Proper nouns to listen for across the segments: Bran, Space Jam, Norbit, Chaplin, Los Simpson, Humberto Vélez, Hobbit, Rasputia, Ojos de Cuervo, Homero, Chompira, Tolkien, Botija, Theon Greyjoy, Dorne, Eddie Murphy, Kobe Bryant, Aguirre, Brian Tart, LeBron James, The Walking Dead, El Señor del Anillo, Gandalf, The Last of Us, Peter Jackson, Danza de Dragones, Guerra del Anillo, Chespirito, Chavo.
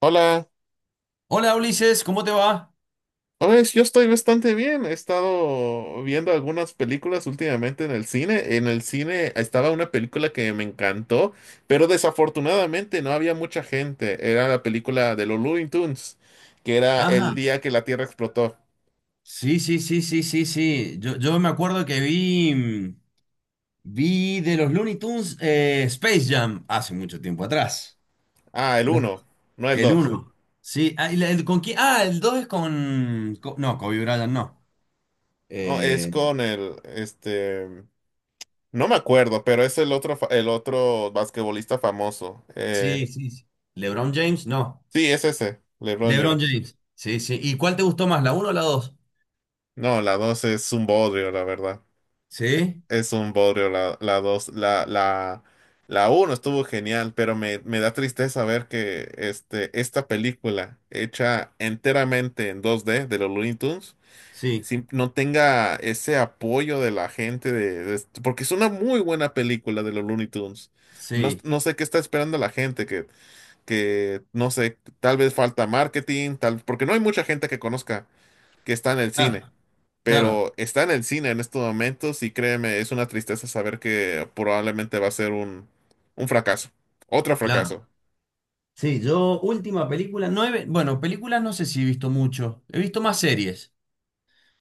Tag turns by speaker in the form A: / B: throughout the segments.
A: Hola,
B: Hola Ulises, ¿cómo te va?
A: pues yo estoy bastante bien. He estado viendo algunas películas últimamente en el cine. En el cine estaba una película que me encantó, pero desafortunadamente no había mucha gente. Era la película de los Looney Tunes, que era el
B: Ajá.
A: día que la Tierra explotó.
B: Sí, sí, sí, sí, sí, sí. Yo me acuerdo que vi de los Looney Tunes Space Jam hace mucho tiempo atrás.
A: Ah, el
B: No,
A: uno, no el
B: el
A: 2.
B: uno. Sí, ah, y el, ¿con quién? Ah, el 2 es con, no, Kobe Bryant no.
A: No, es
B: Eh,
A: con el, no me acuerdo, pero es el otro, el otro basquetbolista famoso.
B: sí, sí, sí. LeBron James, no.
A: Sí, es ese, LeBron
B: LeBron
A: James.
B: James. Sí, sí. ¿Y cuál te gustó más, la uno o la dos?
A: No, la 2 es un bodrio, la verdad.
B: Sí,
A: Es un bodrio la dos, la uno estuvo genial, pero me da tristeza ver que esta película hecha enteramente en dos d de los Looney Tunes
B: sí,
A: no tenga ese apoyo de la gente porque es una muy buena película de los Looney Tunes. No,
B: sí.
A: no sé qué está esperando la gente, que no sé, tal vez falta marketing, tal, porque no hay mucha gente que conozca que está en el cine,
B: Claro, claro,
A: pero está en el cine en estos momentos y créeme, es una tristeza saber que probablemente va a ser un fracaso, otro
B: claro.
A: fracaso.
B: Sí, yo última película, no he bueno, películas no sé si he visto mucho, he visto más series,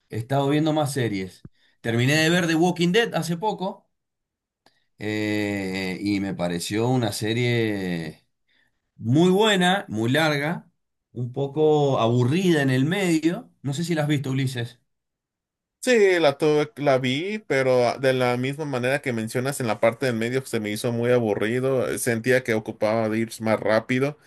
B: he estado viendo más series. Terminé de
A: Okay.
B: ver The Walking Dead hace poco, y me pareció una serie muy buena, muy larga, un poco aburrida en el medio. No sé si la has visto, Ulises.
A: Sí, la tuve, la vi, pero ah, de la misma manera que mencionas en la parte del medio se me hizo muy aburrido, sentía que ocupaba de ir más rápido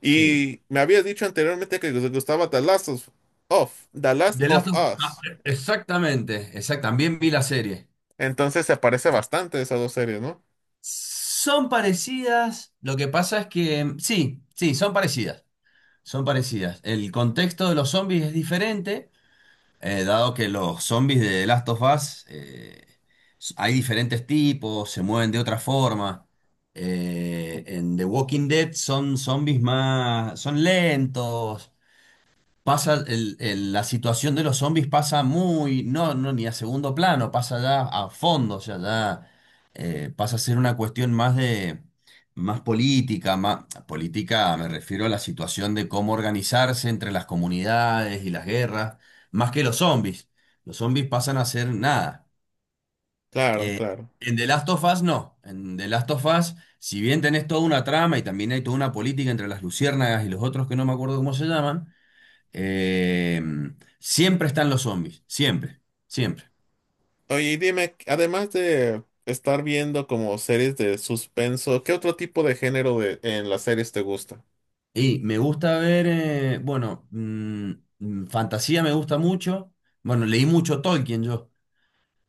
B: Sí.
A: y me habías dicho anteriormente que te gustaba The Last of
B: Ah,
A: Us.
B: Exactamente, también vi la serie.
A: Entonces se parece bastante a esas dos series, ¿no?
B: Son parecidas, lo que pasa es que sí, sí, son parecidas. Son parecidas. El contexto de los zombies es diferente, dado que los zombies de Last of Us, hay diferentes tipos, se mueven de otra forma. En The Walking Dead son zombies más, son lentos. Pasa, la situación de los zombies pasa muy, no, no, ni a segundo plano, pasa ya a fondo, o sea, ya pasa a ser una cuestión más de, más, política me refiero a la situación de cómo organizarse entre las comunidades y las guerras, más que los zombies. Los zombies pasan a ser nada.
A: Claro,
B: Eh,
A: claro.
B: en The Last of Us no, en The Last of Us, si bien tenés toda una trama y también hay toda una política entre las luciérnagas y los otros que no me acuerdo cómo se llaman, eh, siempre están los zombies, siempre, siempre.
A: Oye, y dime, además de estar viendo como series de suspenso, ¿qué otro tipo de género de, en las series te gusta?
B: Y me gusta ver, bueno, fantasía me gusta mucho. Bueno, leí mucho Tolkien yo.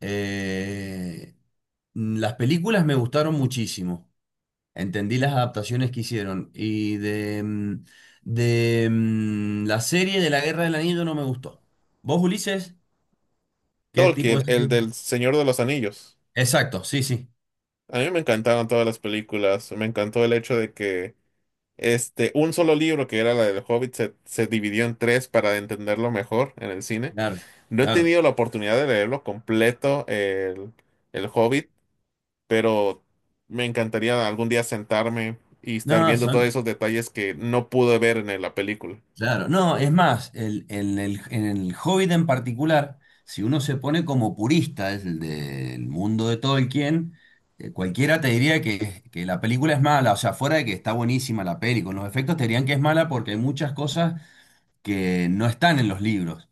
B: Eh, las películas me gustaron muchísimo. Entendí las adaptaciones que hicieron. Y de la serie de la Guerra del Anillo no me gustó. ¿Vos, Ulises? ¿Qué tipo
A: Tolkien,
B: de
A: el
B: serie?
A: del Señor de los Anillos.
B: Exacto, sí, sí.
A: A mí me encantaron todas las películas. Me encantó el hecho de que un solo libro, que era la del Hobbit, se dividió en tres para entenderlo mejor en el cine.
B: Claro,
A: No he
B: claro.
A: tenido la oportunidad de leerlo completo, el Hobbit, pero me encantaría algún día sentarme y estar
B: No,
A: viendo todos
B: son,
A: esos detalles que no pude ver en la película.
B: claro, no, es más, en el Hobbit en particular, si uno se pone como purista es el del mundo de Tolkien, cualquiera te diría que la película es mala, o sea, fuera de que está buenísima la peli, con los efectos te dirían que es mala porque hay muchas cosas que no están en los libros.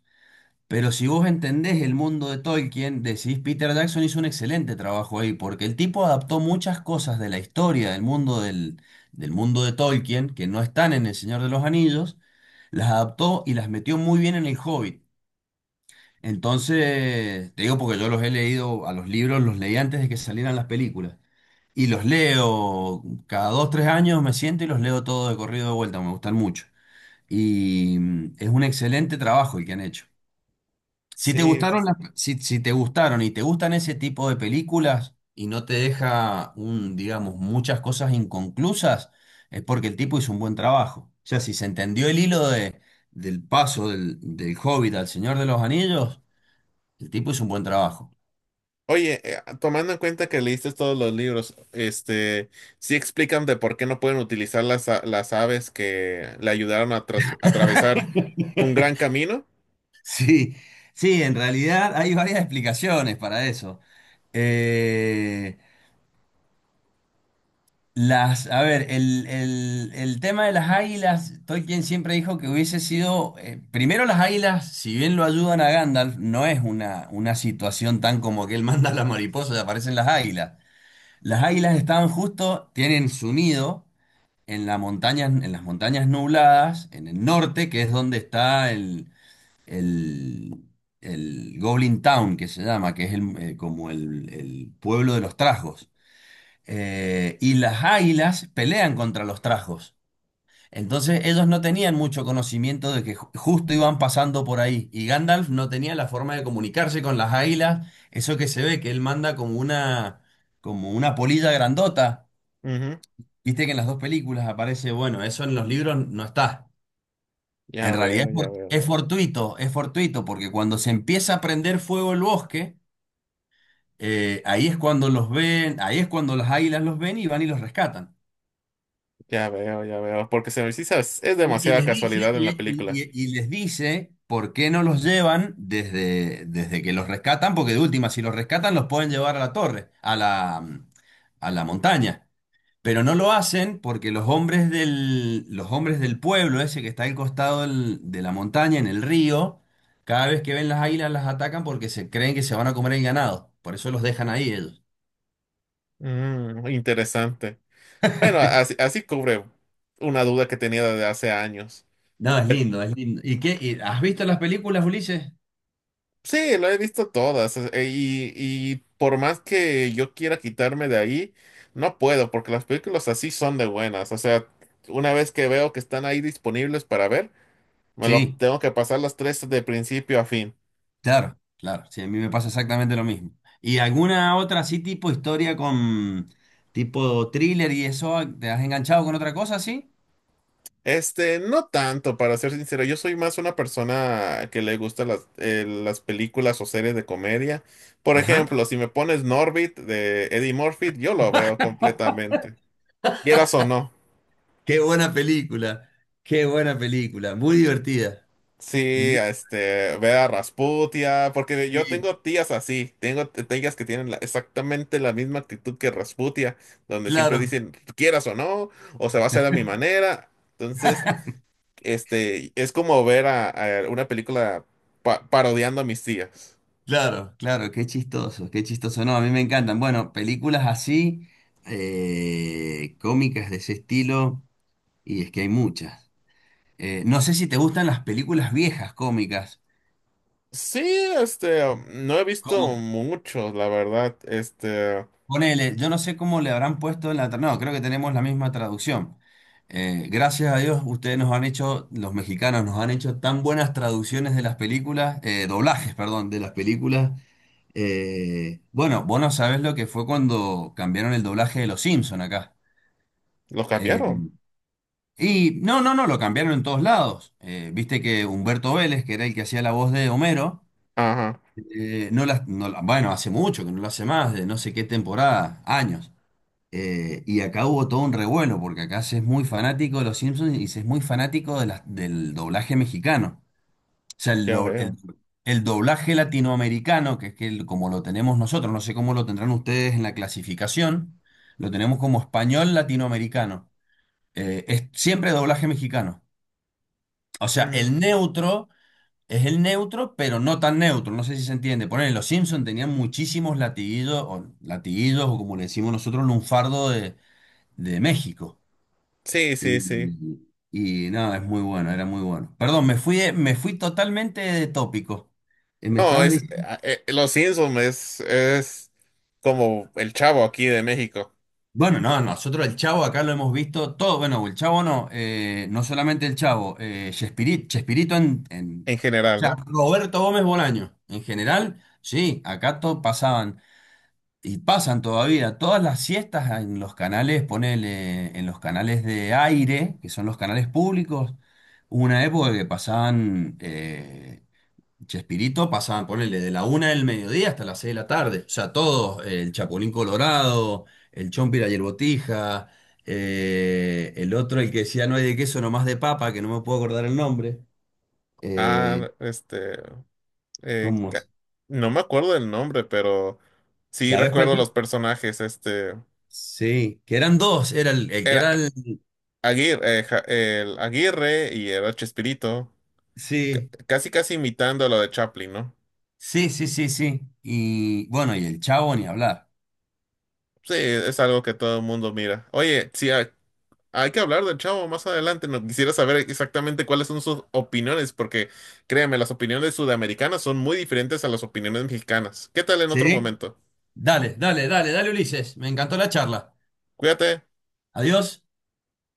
B: Pero si vos entendés el mundo de Tolkien, decís Peter Jackson hizo un excelente trabajo ahí, porque el tipo adaptó muchas cosas de la historia del mundo del mundo de Tolkien, que no están en El Señor de los Anillos, las adaptó y las metió muy bien en El Hobbit. Entonces, te digo porque yo los he leído, a los libros los leí antes de que salieran las películas. Y los leo cada dos, tres años, me siento y los leo todo de corrido de vuelta, me gustan mucho. Y es un excelente trabajo el que han hecho. Si te
A: Sí,
B: gustaron
A: pues.
B: si, te gustaron y te gustan ese tipo de películas y no te deja un, digamos, muchas cosas inconclusas, es porque el tipo hizo un buen trabajo. O sea, si se entendió el hilo del paso del Hobbit al Señor de los Anillos, el tipo hizo un buen trabajo.
A: Oye, tomando en cuenta que leíste todos los libros, sí explican de por qué no pueden utilizar las aves que le ayudaron a atravesar un gran camino.
B: Sí, sí, en realidad hay varias explicaciones para eso. Eh, a ver, el tema de las águilas, Tolkien siempre dijo que hubiese sido, primero las águilas, si bien lo ayudan a Gandalf, no es una situación tan como que él manda a las mariposas y aparecen las águilas. Las águilas estaban justo, tienen su nido en la montaña, en las montañas nubladas, en el norte, que es donde está el, el Goblin Town, que se llama, que es el, como el pueblo de los trasgos, y las águilas pelean contra los trajos. Entonces ellos no tenían mucho conocimiento de que justo iban pasando por ahí y Gandalf no tenía la forma de comunicarse con las águilas, eso que se ve que él manda como una polilla grandota,
A: Ujú.
B: viste que en las dos películas aparece, bueno, eso en los libros no está. En
A: Ya
B: realidad
A: veo, ya veo,
B: es fortuito porque cuando se empieza a prender fuego el bosque, ahí es cuando los ven, ahí es cuando las águilas los ven y van y los rescatan.
A: ya veo, ya veo. Porque se me sí sabes, es
B: Y
A: demasiada
B: les dice,
A: casualidad en
B: y,
A: la
B: y-
A: película.
B: y- y les dice por qué no los llevan desde que los rescatan, porque de última, si los rescatan, los pueden llevar a la torre, a la montaña. Pero no lo hacen porque los hombres del pueblo, ese que está al costado de la montaña, en el río, cada vez que ven las águilas las atacan porque se creen que se van a comer el ganado. Por eso los dejan ahí ellos.
A: Mm, interesante. Bueno, así, así cubre una duda que tenía desde hace años.
B: No, es lindo, es lindo. ¿Y qué? ¿Has visto las películas, Ulises?
A: Sí, lo he visto todas y por más que yo quiera quitarme de ahí, no puedo porque las películas así son de buenas. O sea, una vez que veo que están ahí disponibles para ver, me lo
B: Sí.
A: tengo que pasar las tres de principio a fin.
B: Claro, claro, sí, a mí me pasa exactamente lo mismo. ¿Y alguna otra así tipo historia con tipo thriller y eso? ¿Te has enganchado con otra cosa así?
A: Este, no tanto, para ser sincero, yo soy más una persona que le gusta las películas o series de comedia. Por
B: Ajá.
A: ejemplo, si me pones Norbit de Eddie Murphy, yo lo veo completamente, quieras o no.
B: Qué buena película, qué buena película, muy divertida.
A: Sí,
B: Mm.
A: este, ve a Rasputia, porque yo
B: Sí,
A: tengo tías así, tengo tías que tienen exactamente la misma actitud que Rasputia, donde siempre
B: claro,
A: dicen, quieras o no, o se va a hacer a mi manera. Entonces, este, es como ver a una película parodiando a mis tías.
B: claro, claro, qué chistoso, qué chistoso. No, a mí me encantan. Bueno, películas así, cómicas de ese estilo, y es que hay muchas. No sé si te gustan las películas viejas cómicas,
A: Sí, este, no he visto
B: como
A: mucho, la verdad, este,
B: ponele, yo no sé cómo le habrán puesto en la. No, creo que tenemos la misma traducción. Gracias a Dios, ustedes nos han hecho, los mexicanos nos han hecho tan buenas traducciones de las películas, doblajes, perdón, de las películas. Bueno, vos no sabés lo que fue cuando cambiaron el doblaje de Los Simpson acá.
A: lo
B: Eh,
A: cambiaron.
B: y no, no, no, lo cambiaron en todos lados. Viste que Humberto Vélez, que era el que hacía la voz de Homero,
A: Ajá,
B: no la, bueno, hace mucho que no lo hace más, de no sé qué temporada, años. Y acá hubo todo un revuelo, porque acá se es muy fanático de los Simpsons y se es muy fanático de del doblaje mexicano. O sea,
A: ya veo.
B: el doblaje latinoamericano, que es que como lo tenemos nosotros, no sé cómo lo tendrán ustedes en la clasificación, lo tenemos como español latinoamericano. Es siempre doblaje mexicano. O sea, el
A: Mm,
B: neutro es el neutro, pero no tan neutro. No sé si se entiende. Ponen, los Simpsons tenían muchísimos latiguillos, o latiguillos, o como le decimos nosotros, lunfardo de México.
A: sí,
B: Y,
A: sí, sí.
B: y no, es muy bueno, era muy bueno. Perdón, me fui totalmente de tópico. Me
A: No,
B: estabas
A: es
B: diciendo.
A: Los Simpsons es como el chavo aquí de México
B: Bueno, no, nosotros el Chavo acá lo hemos visto todo. Bueno, el Chavo no, no solamente el Chavo, Chespirito.
A: en
B: O
A: general,
B: sea,
A: ¿no?
B: Roberto Gómez Bolaño. En general, sí, acá pasaban y pasan todavía todas las siestas en los canales, ponele, en los canales de aire, que son los canales públicos. Hubo una época que pasaban. Chespirito pasaban, ponele, de la una del mediodía hasta las seis de la tarde. O sea, todos, el Chapulín Colorado, el Chompira y el Botija, el otro, el que decía no hay de queso, nomás de papa, que no me puedo acordar el nombre. Eh,
A: Ah, eh,
B: ¿cómo?
A: ca- no me acuerdo el nombre, pero sí
B: ¿Sabés cuál?
A: recuerdo los personajes, este,
B: Sí, que eran dos, era el que
A: era
B: era el.
A: Aguirre, el Aguirre y era Chespirito,
B: Sí,
A: casi casi imitando lo de Chaplin, ¿no?
B: sí, sí, sí, sí. Y bueno, y el Chavo ni hablar.
A: Sí, es algo que todo el mundo mira. Oye, hay, hay que hablar del chavo más adelante, no quisiera saber exactamente cuáles son sus opiniones, porque créeme, las opiniones sudamericanas son muy diferentes a las opiniones mexicanas. ¿Qué tal en otro
B: ¿Sí?
A: momento?
B: Dale, dale, dale, dale, Ulises. Me encantó la charla.
A: Cuídate.
B: Adiós.